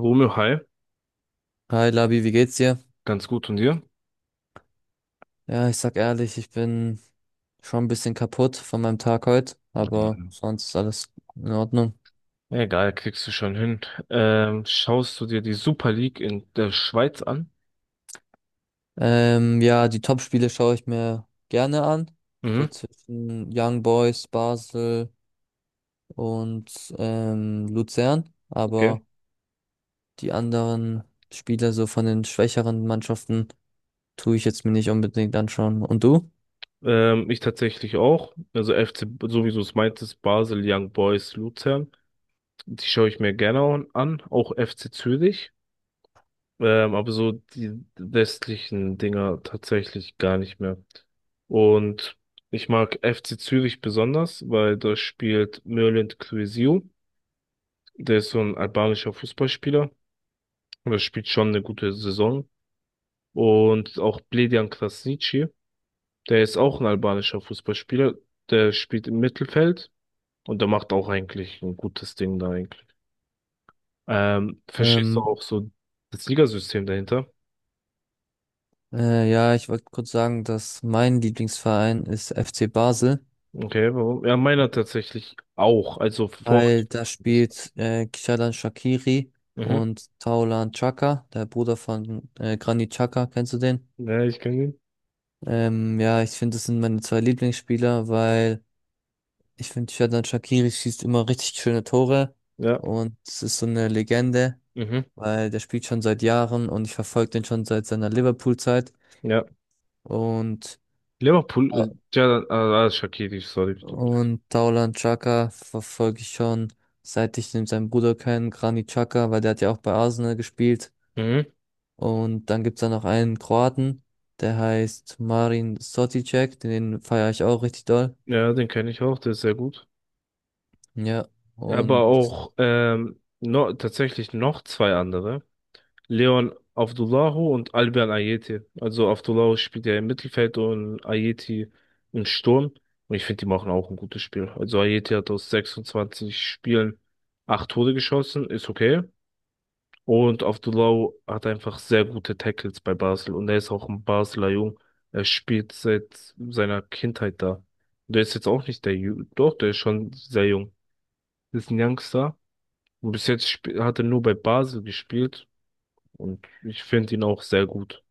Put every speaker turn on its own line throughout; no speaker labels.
Romeo, hi,
Hi Labi, wie geht's dir?
ganz gut und dir?
Ja, ich sag ehrlich, ich bin schon ein bisschen kaputt von meinem Tag heute,
Ja.
aber sonst ist alles in Ordnung.
Egal, kriegst du schon hin. Schaust du dir die Super League in der Schweiz an?
Ja, die Top-Spiele schaue ich mir gerne an. So
Mhm.
zwischen Young Boys, Basel und Luzern.
Okay.
Aber die anderen Spiele so von den schwächeren Mannschaften tue ich jetzt mir nicht unbedingt anschauen. Und du?
Ich tatsächlich auch. Also FC, so wie du es meintest, Basel, Young Boys, Luzern. Die schaue ich mir gerne an. Auch FC Zürich. Aber so die westlichen Dinger tatsächlich gar nicht mehr. Und ich mag FC Zürich besonders, weil da spielt Mürlend Kürsü. Der ist so ein albanischer Fußballspieler und er spielt schon eine gute Saison. Und auch Bledian Krasniqi, der ist auch ein albanischer Fußballspieler. Der spielt im Mittelfeld und der macht auch eigentlich ein gutes Ding da eigentlich. Verstehst du
Ähm,
auch so das Ligasystem dahinter?
ja, ich wollte kurz sagen, dass mein Lieblingsverein ist FC Basel.
Okay, warum? Ja, meiner tatsächlich auch. Also vor.
Weil da spielt Xhalan Shaqiri
Mhm.
und Taulan Chaka, der Bruder von Granit Xhaka, kennst du den?
Ja, ich kann ihn.
Ja, ich finde, das sind meine zwei Lieblingsspieler, weil ich finde, Xherdan Shaqiri schießt immer richtig schöne Tore
Ja.
und es ist so eine Legende,
Mhm.
weil der spielt schon seit Jahren und ich verfolge den schon seit seiner Liverpool-Zeit
Ja.
und,
Liverpool, Jadon, Shaqiri, sorry.
und Taulan Chaka verfolge ich schon, seit ich den, seinen Bruder kenne, Granit Xhaka, weil der hat ja auch bei Arsenal gespielt.
Mhm.
Und dann gibt's da noch einen Kroaten, der heißt Marin Soticek, den feiere ich auch richtig doll.
Ja, den kenne ich auch, der ist sehr gut.
Ja,
Aber
und
auch no, tatsächlich noch zwei andere. Leon Avdulahu und Albion Ayeti. Also Avdulahu spielt ja im Mittelfeld und Ayeti im Sturm. Und ich finde, die machen auch ein gutes Spiel. Also Ayeti hat aus 26 Spielen 8 Tore geschossen, ist okay. Und Avdulahu hat einfach sehr gute Tackles bei Basel. Und er ist auch ein Basler Jung. Er spielt seit seiner Kindheit da. Der ist jetzt auch nicht der Doch, der ist schon sehr jung. Das ist ein Youngster. Und bis jetzt hat er nur bei Basel gespielt und ich finde ihn auch sehr gut.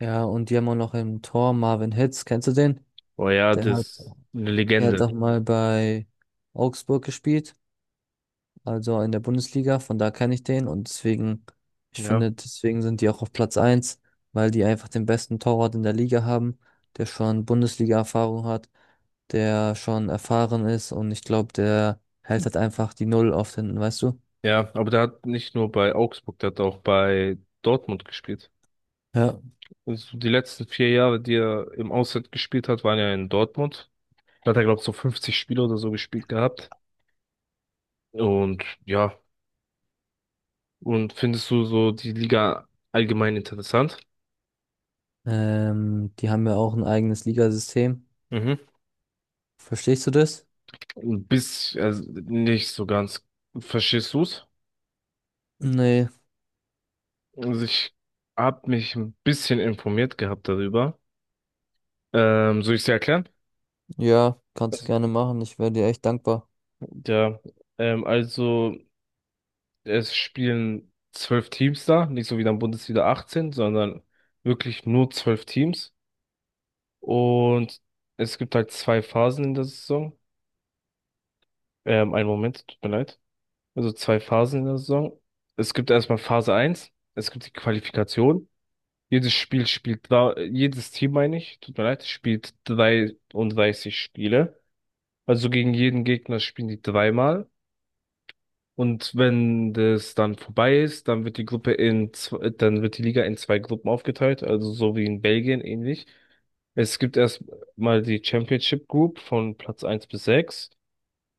ja, und die haben auch noch im Tor Marvin Hitz, kennst du den?
Aber ja,
Der
das
hat,
ist eine
der hat
Legende.
auch mal bei Augsburg gespielt, also in der Bundesliga, von da kenne ich den und deswegen, ich
Ja.
finde, deswegen sind die auch auf Platz eins, weil die einfach den besten Torwart in der Liga haben, der schon Bundesliga-Erfahrung hat, der schon erfahren ist und ich glaube, der hält halt einfach die Null oft hinten, weißt du?
Ja, aber der hat nicht nur bei Augsburg, der hat auch bei Dortmund gespielt.
Ja.
Also die letzten 4 Jahre, die er im Ausland gespielt hat, waren ja in Dortmund. Da hat er, glaube ich, so 50 Spiele oder so gespielt gehabt. Und ja, und findest du so die Liga allgemein interessant?
Die haben ja auch ein eigenes Ligasystem.
Mhm.
Verstehst du das?
Bis, also nicht so ganz. Verstehst du?
Nee,
Also ich habe mich ein bisschen informiert gehabt darüber. Soll ich es dir erklären?
ja, kannst du
Also,
gerne machen. Ich wäre dir echt dankbar.
ja, also es spielen 12 Teams da, nicht so wie dann Bundesliga 18, sondern wirklich nur 12 Teams. Und es gibt halt zwei Phasen in der Saison. Einen Moment, tut mir leid. Also zwei Phasen in der Saison. Es gibt erstmal Phase eins. Es gibt die Qualifikation. Jedes Spiel spielt, da, jedes Team meine ich, tut mir leid, spielt 33 Spiele. Also gegen jeden Gegner spielen die dreimal. Und wenn das dann vorbei ist, dann wird die Gruppe dann wird die Liga in zwei Gruppen aufgeteilt, also so wie in Belgien ähnlich. Es gibt erstmal die Championship Group von Platz eins bis 6.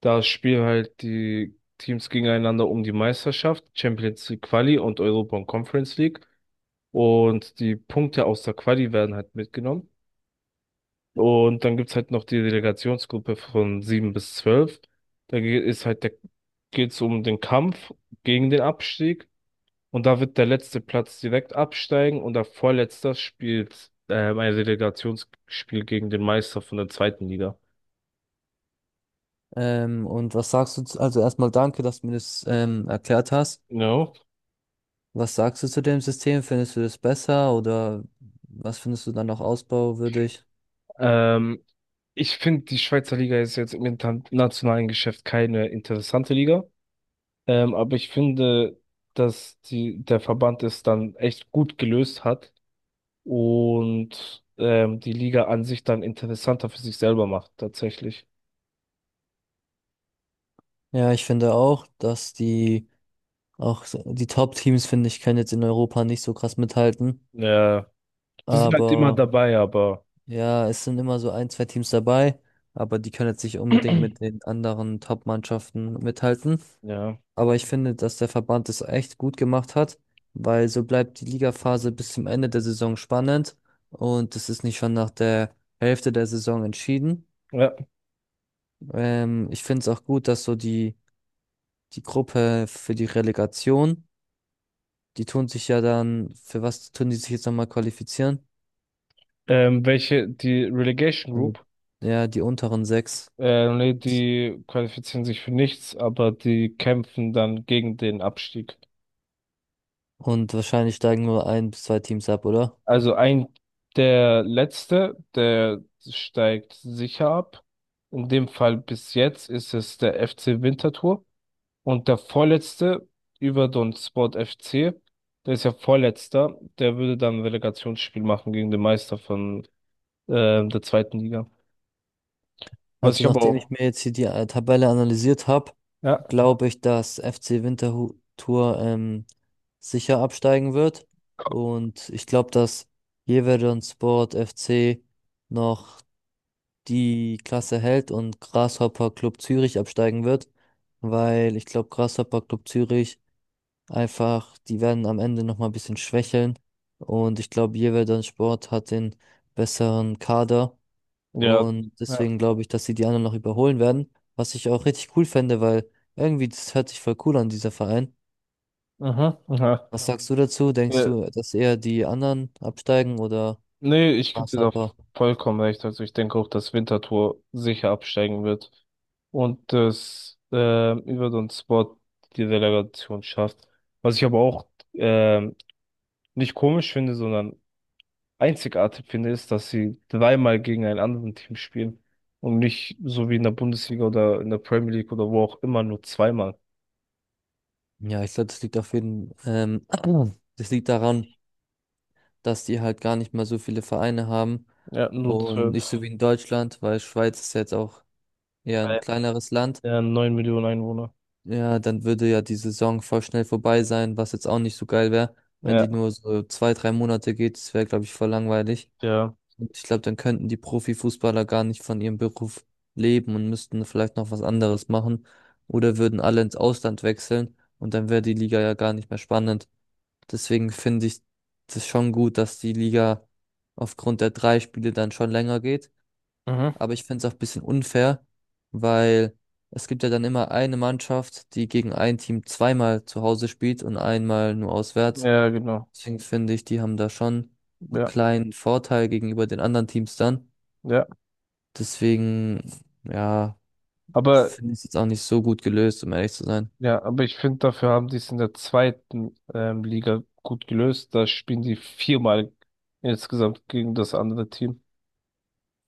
Da spielen halt die Teams gegeneinander um die Meisterschaft, Champions League Quali und Europa und Conference League. Und die Punkte aus der Quali werden halt mitgenommen. Und dann gibt's halt noch die Delegationsgruppe von 7 bis 12. Ist halt der, geht's um den Kampf gegen den Abstieg. Und da wird der letzte Platz direkt absteigen und der Vorletzter spielt ein Relegationsspiel gegen den Meister von der zweiten Liga.
Und was sagst du? Zu- Also erstmal danke, dass du mir das erklärt hast.
No.
Was sagst du zu dem System? Findest du das besser oder was findest du dann noch ausbauwürdig?
Ähm, Ich finde, die Schweizer Liga ist jetzt im internationalen Geschäft keine interessante Liga. Aber ich finde, dass der Verband es dann echt gut gelöst hat und die Liga an sich dann interessanter für sich selber macht, tatsächlich.
Ja, ich finde auch, dass die die Top-Teams, finde ich, können jetzt in Europa nicht so krass mithalten.
Ja, die sind halt immer
Aber
dabei, aber
ja, es sind immer so ein, zwei Teams dabei, aber die können jetzt nicht unbedingt mit den anderen Top-Mannschaften mithalten.
ja.
Aber ich finde, dass der Verband es echt gut gemacht hat, weil so bleibt die Ligaphase bis zum Ende der Saison spannend und es ist nicht schon nach der Hälfte der Saison entschieden.
Ja.
Ich finde es auch gut, dass so die Gruppe für die Relegation, die tun sich ja dann, für was tun die sich jetzt nochmal qualifizieren?
Die Relegation
Also,
Group,
ja, die unteren sechs.
nee, die qualifizieren sich für nichts, aber die kämpfen dann gegen den Abstieg.
Und wahrscheinlich steigen nur ein bis zwei Teams ab, oder?
Also ein, der letzte, der steigt sicher ab. In dem Fall bis jetzt ist es der FC Winterthur. Und der vorletzte über Don Sport FC, der ist ja vorletzter, der würde dann ein Relegationsspiel machen gegen den Meister von der zweiten Liga. Was
Also
ich aber
nachdem ich
auch.
mir jetzt hier die Tabelle analysiert habe,
Ja,
glaube ich, dass FC Winterthur sicher absteigen wird. Und ich glaube, dass Jeverdon Sport FC noch die Klasse hält und Grasshopper Club Zürich absteigen wird, weil ich glaube, Grasshopper Club Zürich einfach, die werden am Ende nochmal ein bisschen schwächeln und ich glaube, Jeweldon Sport hat den besseren Kader
ja,
und
ja.
deswegen glaube ich, dass sie die anderen noch überholen werden, was ich auch richtig cool fände, weil irgendwie das hört sich voll cool an, dieser Verein.
Mhm, aha.
Was sagst du dazu? Denkst
Ja,
du, dass eher die anderen absteigen oder
nee, ich gebe dir da
Grasshopper?
vollkommen recht. Also ich denke auch, dass Winterthur sicher absteigen wird und dass über Don Sport die Relegation schafft. Was ich aber auch ähm, nicht komisch finde, sondern einzigartig finde, ist, dass sie dreimal gegen ein anderes Team spielen und nicht so wie in der Bundesliga oder in der Premier League oder wo auch immer nur zweimal.
Ja, ich glaube, das liegt auf jeden das liegt daran, dass die halt gar nicht mal so viele Vereine haben
Ja, nur
und
zwölf.
nicht so wie in Deutschland, weil Schweiz ist jetzt auch eher ein
Bei
kleineres Land.
ja, 9 Millionen Einwohner.
Ja, dann würde ja die Saison voll schnell vorbei sein, was jetzt auch nicht so geil wäre. Wenn die
Ja,
nur so zwei, drei Monate geht, das wäre, glaube ich, voll langweilig.
ja.
Und ich glaube, dann könnten die Profifußballer gar nicht von ihrem Beruf leben und müssten vielleicht noch was anderes machen oder würden alle ins Ausland wechseln und dann wäre die Liga ja gar nicht mehr spannend. Deswegen finde ich das schon gut, dass die Liga aufgrund der drei Spiele dann schon länger geht.
Mhm.
Aber ich finde es auch ein bisschen unfair, weil es gibt ja dann immer eine Mannschaft, die gegen ein Team zweimal zu Hause spielt und einmal nur auswärts.
Ja, genau.
Deswegen finde ich, die haben da schon einen
Ja,
kleinen Vorteil gegenüber den anderen Teams dann.
ja.
Deswegen, ja,
Aber
finde ich es jetzt auch nicht so gut gelöst, um ehrlich zu sein.
ja, aber ich finde, dafür haben die es in der zweiten Liga gut gelöst. Da spielen die viermal insgesamt gegen das andere Team.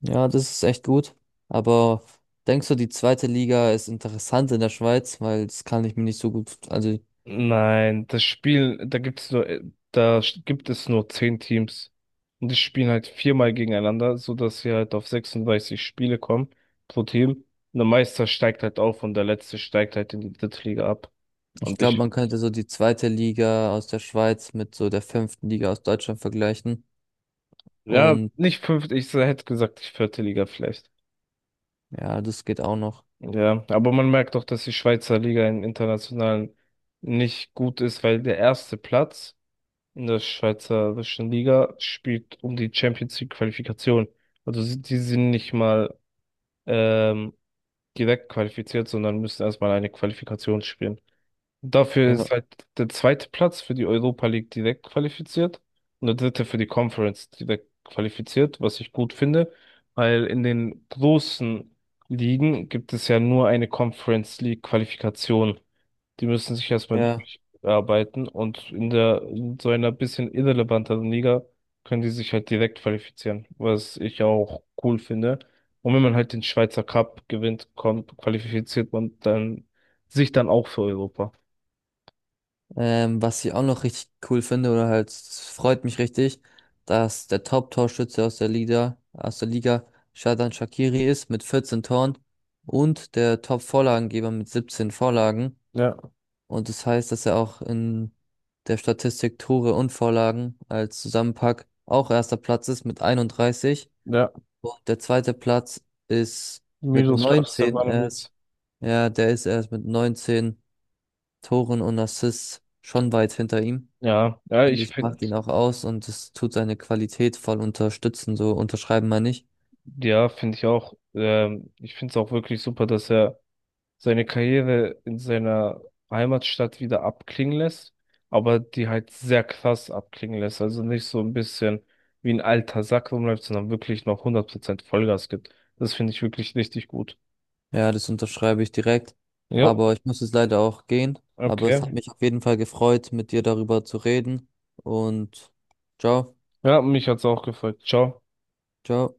Ja, das ist echt gut. Aber denkst du, die zweite Liga ist interessant in der Schweiz? Weil das kann ich mir nicht so gut. Also
Nein, das Spiel, da gibt's nur, gibt es nur 10 Teams. Und die spielen halt viermal gegeneinander, sodass sie halt auf 36 Spiele kommen pro Team. Und der Meister steigt halt auf und der Letzte steigt halt in die dritte Liga ab.
ich
Und
glaube,
ich,
man könnte so die zweite Liga aus der Schweiz mit so der fünften Liga aus Deutschland vergleichen.
ja,
Und
nicht fünfte, ich hätte gesagt, die vierte Liga vielleicht.
ja, das geht auch noch.
Ja, aber man merkt doch, dass die Schweizer Liga im Internationalen nicht gut ist, weil der erste Platz in der Schweizerischen Liga spielt um die Champions League Qualifikation. Die sind nicht mal ähm, direkt qualifiziert, sondern müssen erstmal eine Qualifikation spielen. Dafür
Ja.
ist halt der zweite Platz für die Europa League direkt qualifiziert und der dritte für die Conference direkt qualifiziert, was ich gut finde, weil in den großen Ligen gibt es ja nur eine Conference League Qualifikation. Die müssen sich erstmal
Ja.
durcharbeiten und in so einer bisschen irrelevanteren Liga können die sich halt direkt qualifizieren, was ich auch cool finde. Und wenn man halt den Schweizer Cup gewinnt, qualifiziert man dann sich dann auch für Europa.
Was ich auch noch richtig cool finde, oder halt, es freut mich richtig, dass der Top-Torschütze aus der Liga Xherdan Shaqiri ist mit 14 Toren und der Top-Vorlagengeber mit 17 Vorlagen.
Ja,
Und das heißt, dass er auch in der Statistik Tore und Vorlagen als Zusammenpack auch erster Platz ist mit 31.
ja.
Und der zweite Platz ist mit
Miroslav
19
Stefanovic.
erst. Ja, der ist erst mit 19 Toren und Assists schon weit hinter ihm.
Ja, ja,
Finde
ich
ich,
finde,
macht ihn auch aus und es tut seine Qualität voll unterstützen. So unterschreiben wir nicht.
ja, finde ich auch. Ich finde es auch wirklich super, dass er seine Karriere in seiner Heimatstadt wieder abklingen lässt, aber die halt sehr krass abklingen lässt. Also nicht so ein bisschen wie ein alter Sack rumläuft, sondern wirklich noch 100% Vollgas gibt. Das finde ich wirklich richtig gut.
Ja, das unterschreibe ich direkt.
Jo,
Aber ich muss jetzt leider auch gehen. Aber es hat
okay.
mich auf jeden Fall gefreut, mit dir darüber zu reden. Und ciao,
Ja, mich hat's auch gefreut. Ciao.
ciao.